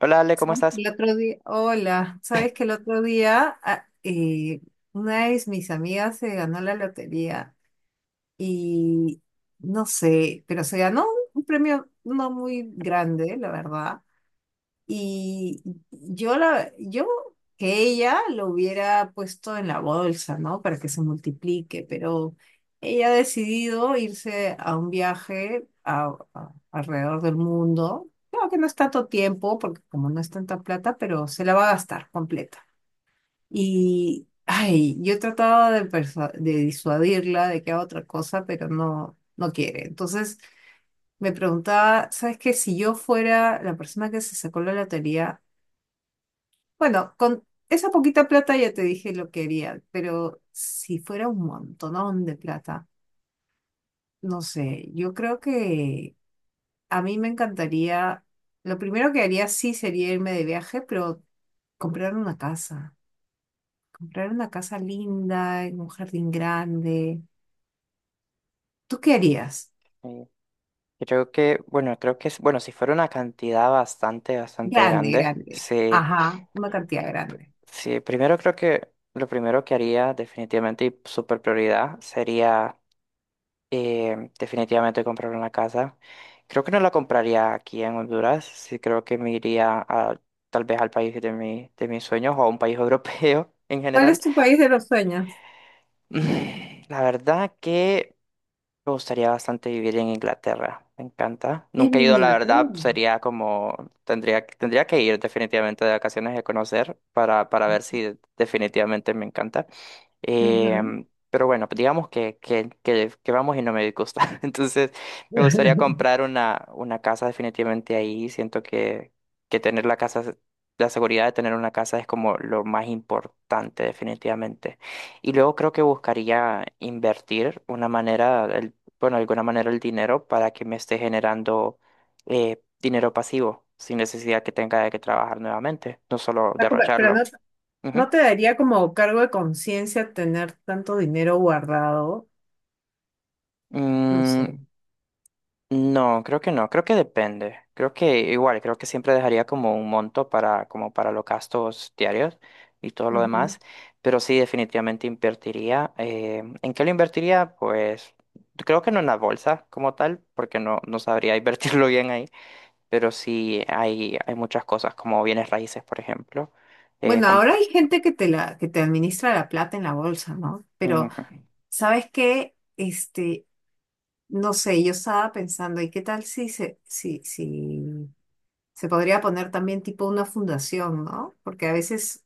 Hola Ale, ¿cómo Sabes que estás? El otro día, Hola, sabes que el otro día, una de mis amigas se ganó la lotería y no sé, pero se ganó un premio no muy grande, la verdad. Y yo que ella lo hubiera puesto en la bolsa, ¿no? Para que se multiplique, pero ella ha decidido irse a un viaje alrededor del mundo. Claro que no es tanto tiempo, porque como no es tanta plata, pero se la va a gastar completa. Y, ay, yo he tratado de disuadirla de que haga otra cosa, pero no, no quiere. Entonces me preguntaba, ¿sabes qué? Si yo fuera la persona que se sacó la lotería, bueno, con esa poquita plata ya te dije lo que haría, pero si fuera un montonón de plata, no sé, yo creo que a mí me encantaría, lo primero que haría sí sería irme de viaje, pero comprar una casa, comprar una casa linda, en un jardín grande. ¿Tú qué harías? Eh, creo que, bueno, creo que, bueno, si fuera una cantidad bastante Grande, grande, grande. Ajá, una cantidad grande. sí, primero creo que lo primero que haría definitivamente y super prioridad sería definitivamente comprar una casa. Creo que no la compraría aquí en Honduras, sí creo que me iría a, tal vez al país de mi, de mis sueños o a un país europeo en ¿Cuál general. es tu país de los sueños? La verdad me gustaría bastante vivir en Inglaterra, me encanta. Es Nunca he ido, la verdad, miniatura. sería como, tendría que ir definitivamente de vacaciones y a conocer para ver si definitivamente me encanta. Ujú. Pero bueno, pues digamos que vamos y no me disgusta. Entonces, me gustaría comprar una casa definitivamente ahí. Siento que tener la casa, la seguridad de tener una casa es como lo más importante definitivamente. Y luego creo que buscaría invertir una manera, bueno, de alguna manera el dinero para que me esté generando dinero pasivo, sin necesidad que tenga de que trabajar nuevamente, no solo Pero no, derrocharlo. Ujú. ¿no te daría como cargo de conciencia tener tanto dinero guardado? No sé. Mm, No, creo que no, creo que depende. Creo que igual, creo que siempre dejaría como un monto para, como para los gastos diarios y todo lo Ujú. demás, pero sí definitivamente invertiría. ¿En qué lo invertiría? Pues creo que no en la bolsa como tal, porque no, no sabría invertirlo bien ahí, pero sí hay muchas cosas como bienes raíces, por ejemplo. eh, Bueno, com- ahora hay gente que te la, que te administra la plata en la bolsa, ¿no? Pero, Ujú, ¿sabes qué? Este, no sé, yo estaba pensando, ¿y qué tal si se podría poner también tipo una fundación, ¿no? Porque a veces,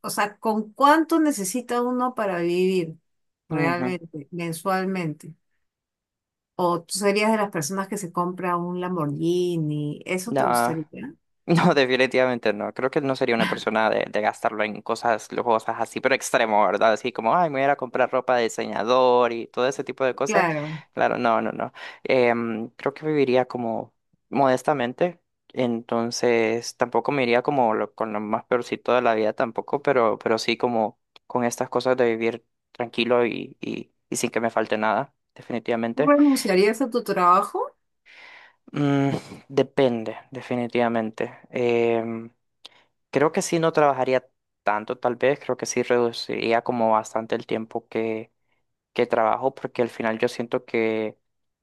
o sea, ¿con cuánto necesita uno para vivir ujú. realmente, mensualmente? ¿O tú serías de las personas que se compra un Lamborghini? ¿Eso te No. gustaría? No, definitivamente no. Creo que no sería una persona de gastarlo en cosas lujosas así, pero extremo, ¿verdad? Así como, ay, me voy a ir a comprar ropa de diseñador y todo ese tipo de cosas. Claro. Claro, no, no, no. Creo que viviría como modestamente, entonces tampoco me iría como con lo más peorcito de la vida tampoco, pero sí como con estas cosas de vivir tranquilo y sin que me falte nada, ¿Tú definitivamente. renunciarías a tu trabajo? Mm, depende, definitivamente. Creo que sí no trabajaría tanto, tal vez, creo que sí reduciría como bastante el tiempo que trabajo, porque al final yo siento que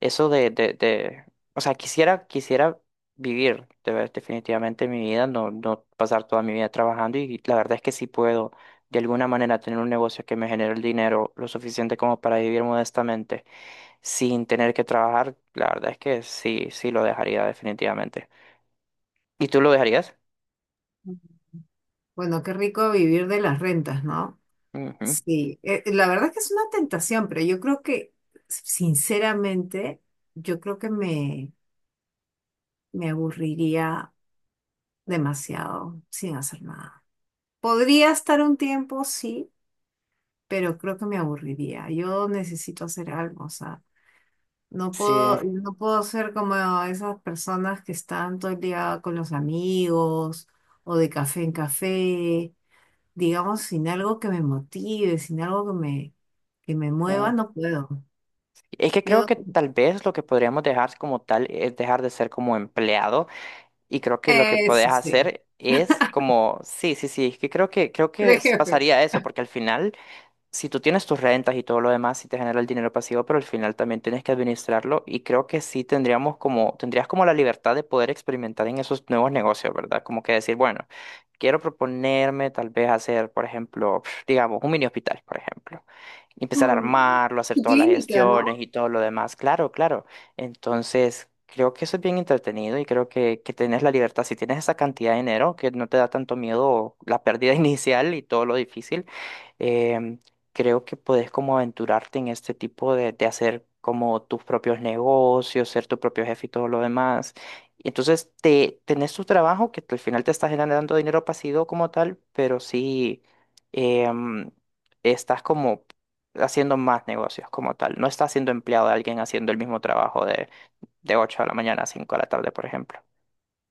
eso o sea, quisiera vivir de definitivamente mi vida, no, no pasar toda mi vida trabajando y la verdad es que sí puedo de alguna manera tener un negocio que me genere el dinero lo suficiente como para vivir modestamente sin tener que trabajar, la verdad es que sí, sí lo dejaría definitivamente. ¿Y tú lo dejarías? Bueno, qué rico vivir de las rentas, ¿no? Ujú. Sí, la verdad es que es una tentación, pero yo creo que, sinceramente, yo creo que me aburriría demasiado sin hacer nada. Podría estar un tiempo, sí, pero creo que me aburriría. Yo necesito hacer algo, o sea, no Sí. puedo, no puedo ser como esas personas que están todo el día con los amigos o de café en café, digamos, sin algo que me motive, sin algo que me Sí. mueva, no puedo. Es que creo Yo, que tal vez lo que podríamos dejar como tal es dejar de ser como empleado y creo que lo que podés Eso sí, hacer es como, sí, sí, sí, es que creo que creo que tres jefes. pasaría eso porque al final si tú tienes tus rentas y todo lo demás, sí te genera el dinero pasivo, pero al final también tienes que administrarlo y creo que sí tendríamos como, tendrías como la libertad de poder experimentar en esos nuevos negocios, ¿verdad? Como que decir, bueno, quiero proponerme tal vez hacer, por ejemplo, digamos, un mini hospital, por ejemplo. Y empezar a Mm, armarlo, hacer Y todas las clínica, gestiones ¿no? y todo lo demás. Claro, claro. Entonces, creo que eso es bien entretenido y creo que tienes la libertad. Si tienes esa cantidad de dinero, que no te da tanto miedo la pérdida inicial y todo lo difícil, em, creo que puedes como aventurarte en este tipo de hacer como tus propios negocios, ser tu propio jefe y todo lo demás. Y entonces te, tenés tu trabajo que al final te está generando dinero pasivo como tal, pero sí em, estás como haciendo más negocios como tal. No estás siendo empleado de alguien haciendo el mismo trabajo de 8 de la mañana a 5 de la tarde, por ejemplo.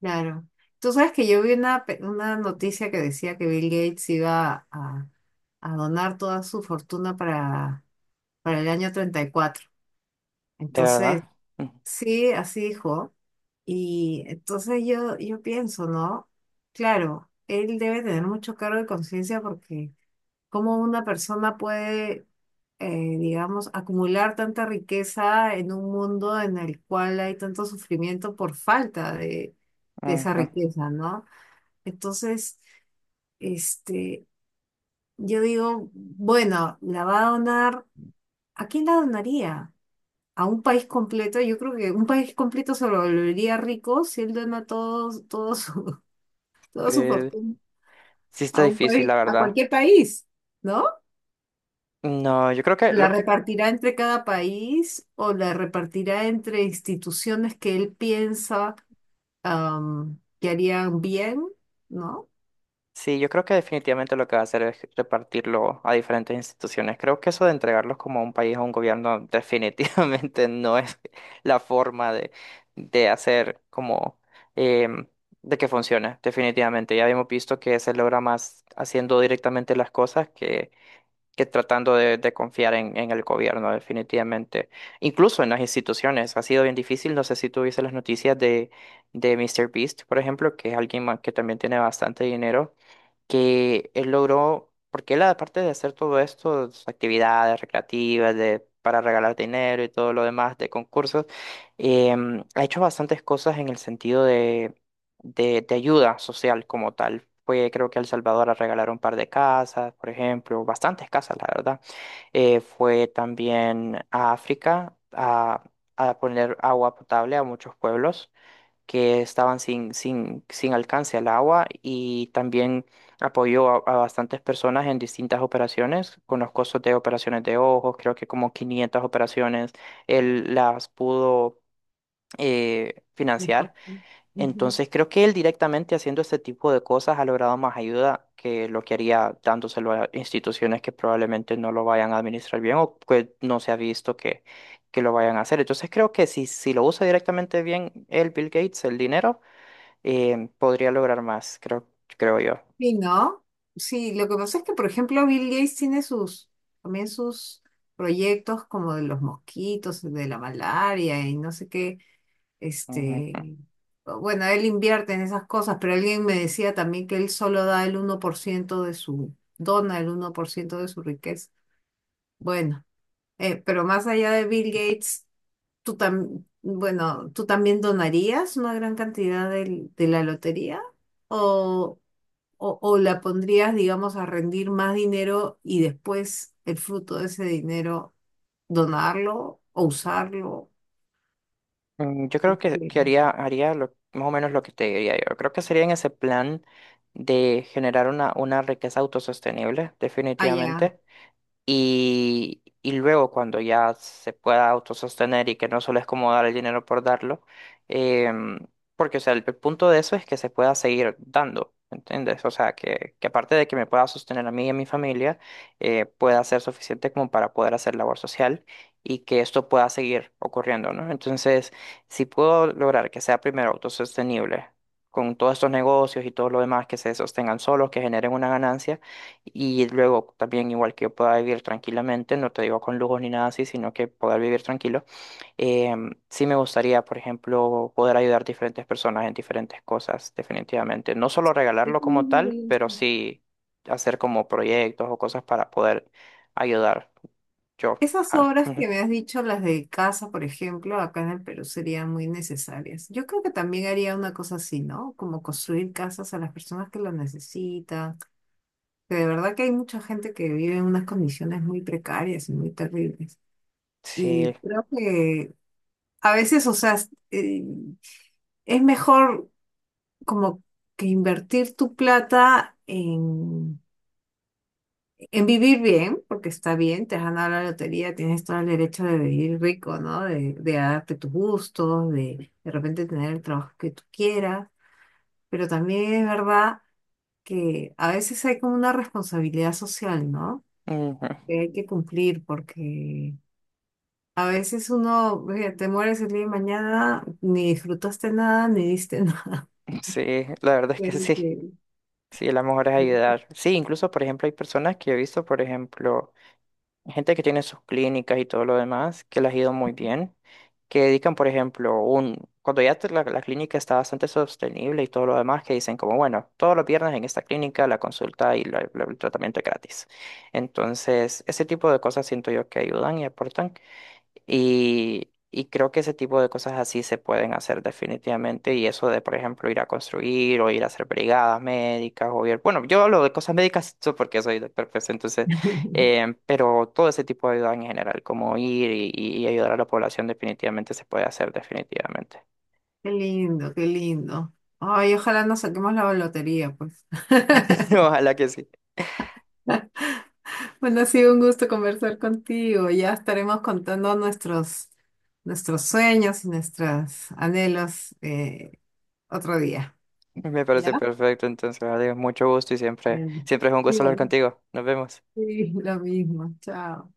Claro. Tú sabes que yo vi una noticia que decía que Bill Gates iba a donar toda su fortuna para el año treinta y cuatro. ¿De Entonces, verdad? Mm, sí, así dijo. Y entonces yo pienso, ¿no? Claro, él debe tener mucho cargo de conciencia porque cómo una persona puede, digamos, acumular tanta riqueza en un mundo en el cual hay tanto sufrimiento por falta de esa ujú. riqueza, ¿no? Entonces, este, yo digo, bueno, la va a donar, ¿a quién la donaría? A un país completo. Yo creo que un país completo se lo volvería rico si él dona toda su Eh, fortuna sí está a un difícil, país, la a verdad. cualquier país, ¿no? No, yo creo que La lo, repartirá entre cada país o la repartirá entre instituciones que él piensa, que harían bien, ¿no? Sí, yo creo que definitivamente lo que va a hacer es repartirlo a diferentes instituciones. Creo que eso de entregarlos como a un país, a un gobierno, definitivamente no es la forma de hacer como em, de que funcione, definitivamente. Ya hemos visto que se logra más haciendo directamente las cosas que tratando de confiar en el gobierno, definitivamente. Incluso en las instituciones. Ha sido bien difícil. No sé si tuviste las noticias de Mr. Beast, por ejemplo, que es alguien que también tiene bastante dinero que él logró, porque él aparte de hacer todo esto, sus actividades recreativas, de, para regalar dinero y todo lo demás, de concursos, ha hecho bastantes cosas en el sentido de ayuda social como tal. Fue, creo que a El Salvador a regalar un par de casas, por ejemplo, bastantes casas, la verdad. Fue también a África a poner agua potable a muchos pueblos que estaban sin, sin, sin alcance al agua y también apoyó a bastantes personas en distintas operaciones, con los costos de operaciones de ojos, creo que como 500 operaciones, él las pudo Mejor. financiar. Ujú. Entonces creo que él directamente haciendo este tipo de cosas ha logrado más ayuda que lo que haría dándoselo a instituciones que probablemente no lo vayan a administrar bien o que no se ha visto que lo vayan a hacer. Entonces creo que si, si lo usa directamente bien el Bill Gates, el dinero, podría lograr más, creo, creo yo. Sí, ¿no? Sí, lo que pasa es que, por ejemplo, Bill Gates tiene también sus proyectos como de los mosquitos, de la malaria y no sé qué. Ujú. Este, bueno, él invierte en esas cosas, pero alguien me decía también que él solo da el 1% de su, dona el 1% de su riqueza. Bueno, pero más allá de Bill Gates, bueno, ¿tú también donarías una gran cantidad de la lotería? ¿O, o la pondrías, digamos, a rendir más dinero y después el fruto de ese dinero donarlo o usarlo? Yo creo Que- que haría más o menos lo que te diría yo. Creo que sería en ese plan de generar una riqueza autosostenible, Ah, ya. definitivamente. Y luego cuando ya se pueda autosostener y que no solo es como dar el dinero por darlo, em, porque o sea, el punto de eso es que se pueda seguir dando, ¿entiendes? O sea, que aparte de que me pueda sostener a mí y a mi familia, pueda ser suficiente como para poder hacer labor social y que esto pueda seguir ocurriendo, ¿no? Entonces, si puedo lograr que sea primero autosostenible. Con todos estos negocios y todo lo demás que se sostengan solos, que generen una ganancia, y luego también igual que yo pueda vivir tranquilamente, no te digo con lujos ni nada así, sino que poder vivir tranquilo. Sí me gustaría, por ejemplo, poder ayudar a diferentes personas en diferentes cosas, definitivamente. No solo regalarlo Depende como de tal, pero eso. sí hacer como proyectos o cosas para poder ayudar yo. Esas Ah, obras ujú. que me has dicho, las de casa, por ejemplo, acá en el Perú serían muy necesarias. Yo creo que también haría una cosa así, ¿no? Como construir casas a las personas que lo necesitan. Que de verdad que hay mucha gente que vive en unas condiciones muy precarias y muy terribles. Sí, Y creo que a veces, o sea, es mejor como que invertir tu plata en vivir bien, porque está bien, te has ganado la lotería, tienes todo el derecho de vivir rico, ¿no? De darte tus gustos, de repente tener el trabajo que tú quieras, pero también es verdad que a veces hay como una responsabilidad social, ¿no? ujú. Que hay que cumplir porque a veces uno, oye, te mueres el día de mañana, ni disfrutaste nada, ni diste nada. Sí, la verdad es que Bueno, sí. Sí, la mejor es ayudar. Sí, incluso, por ejemplo, hay personas que he visto, por ejemplo gente que tiene sus clínicas y todo lo demás, que les ha ido muy bien, que dedican, por ejemplo, un, cuando ya la clínica está bastante sostenible y todo lo demás, que dicen como, bueno, todos los viernes en esta clínica la consulta y el tratamiento es gratis. Entonces, ese tipo de cosas siento yo que ayudan y aportan. Y creo que ese tipo de cosas así se pueden hacer definitivamente. Y eso de, por ejemplo, ir a construir o ir a hacer brigadas médicas o ir... Bueno, yo hablo de cosas médicas porque soy doctor, pues entonces... pero todo ese tipo de ayuda en general, como ir y ayudar a la población definitivamente se puede hacer definitivamente. qué lindo, qué lindo. Ay, ojalá nos saquemos la lotería, pues. Ojalá que sí. Bueno, ha sido un gusto conversar contigo. Ya estaremos contando nuestros sueños y nuestros anhelos, otro día. Me ¿Ya? parece perfecto. Entonces, adiós, mucho gusto y siempre, Bueno. siempre es un gusto hablar Igual. contigo. Nos vemos. Sí, lo mismo. Chao.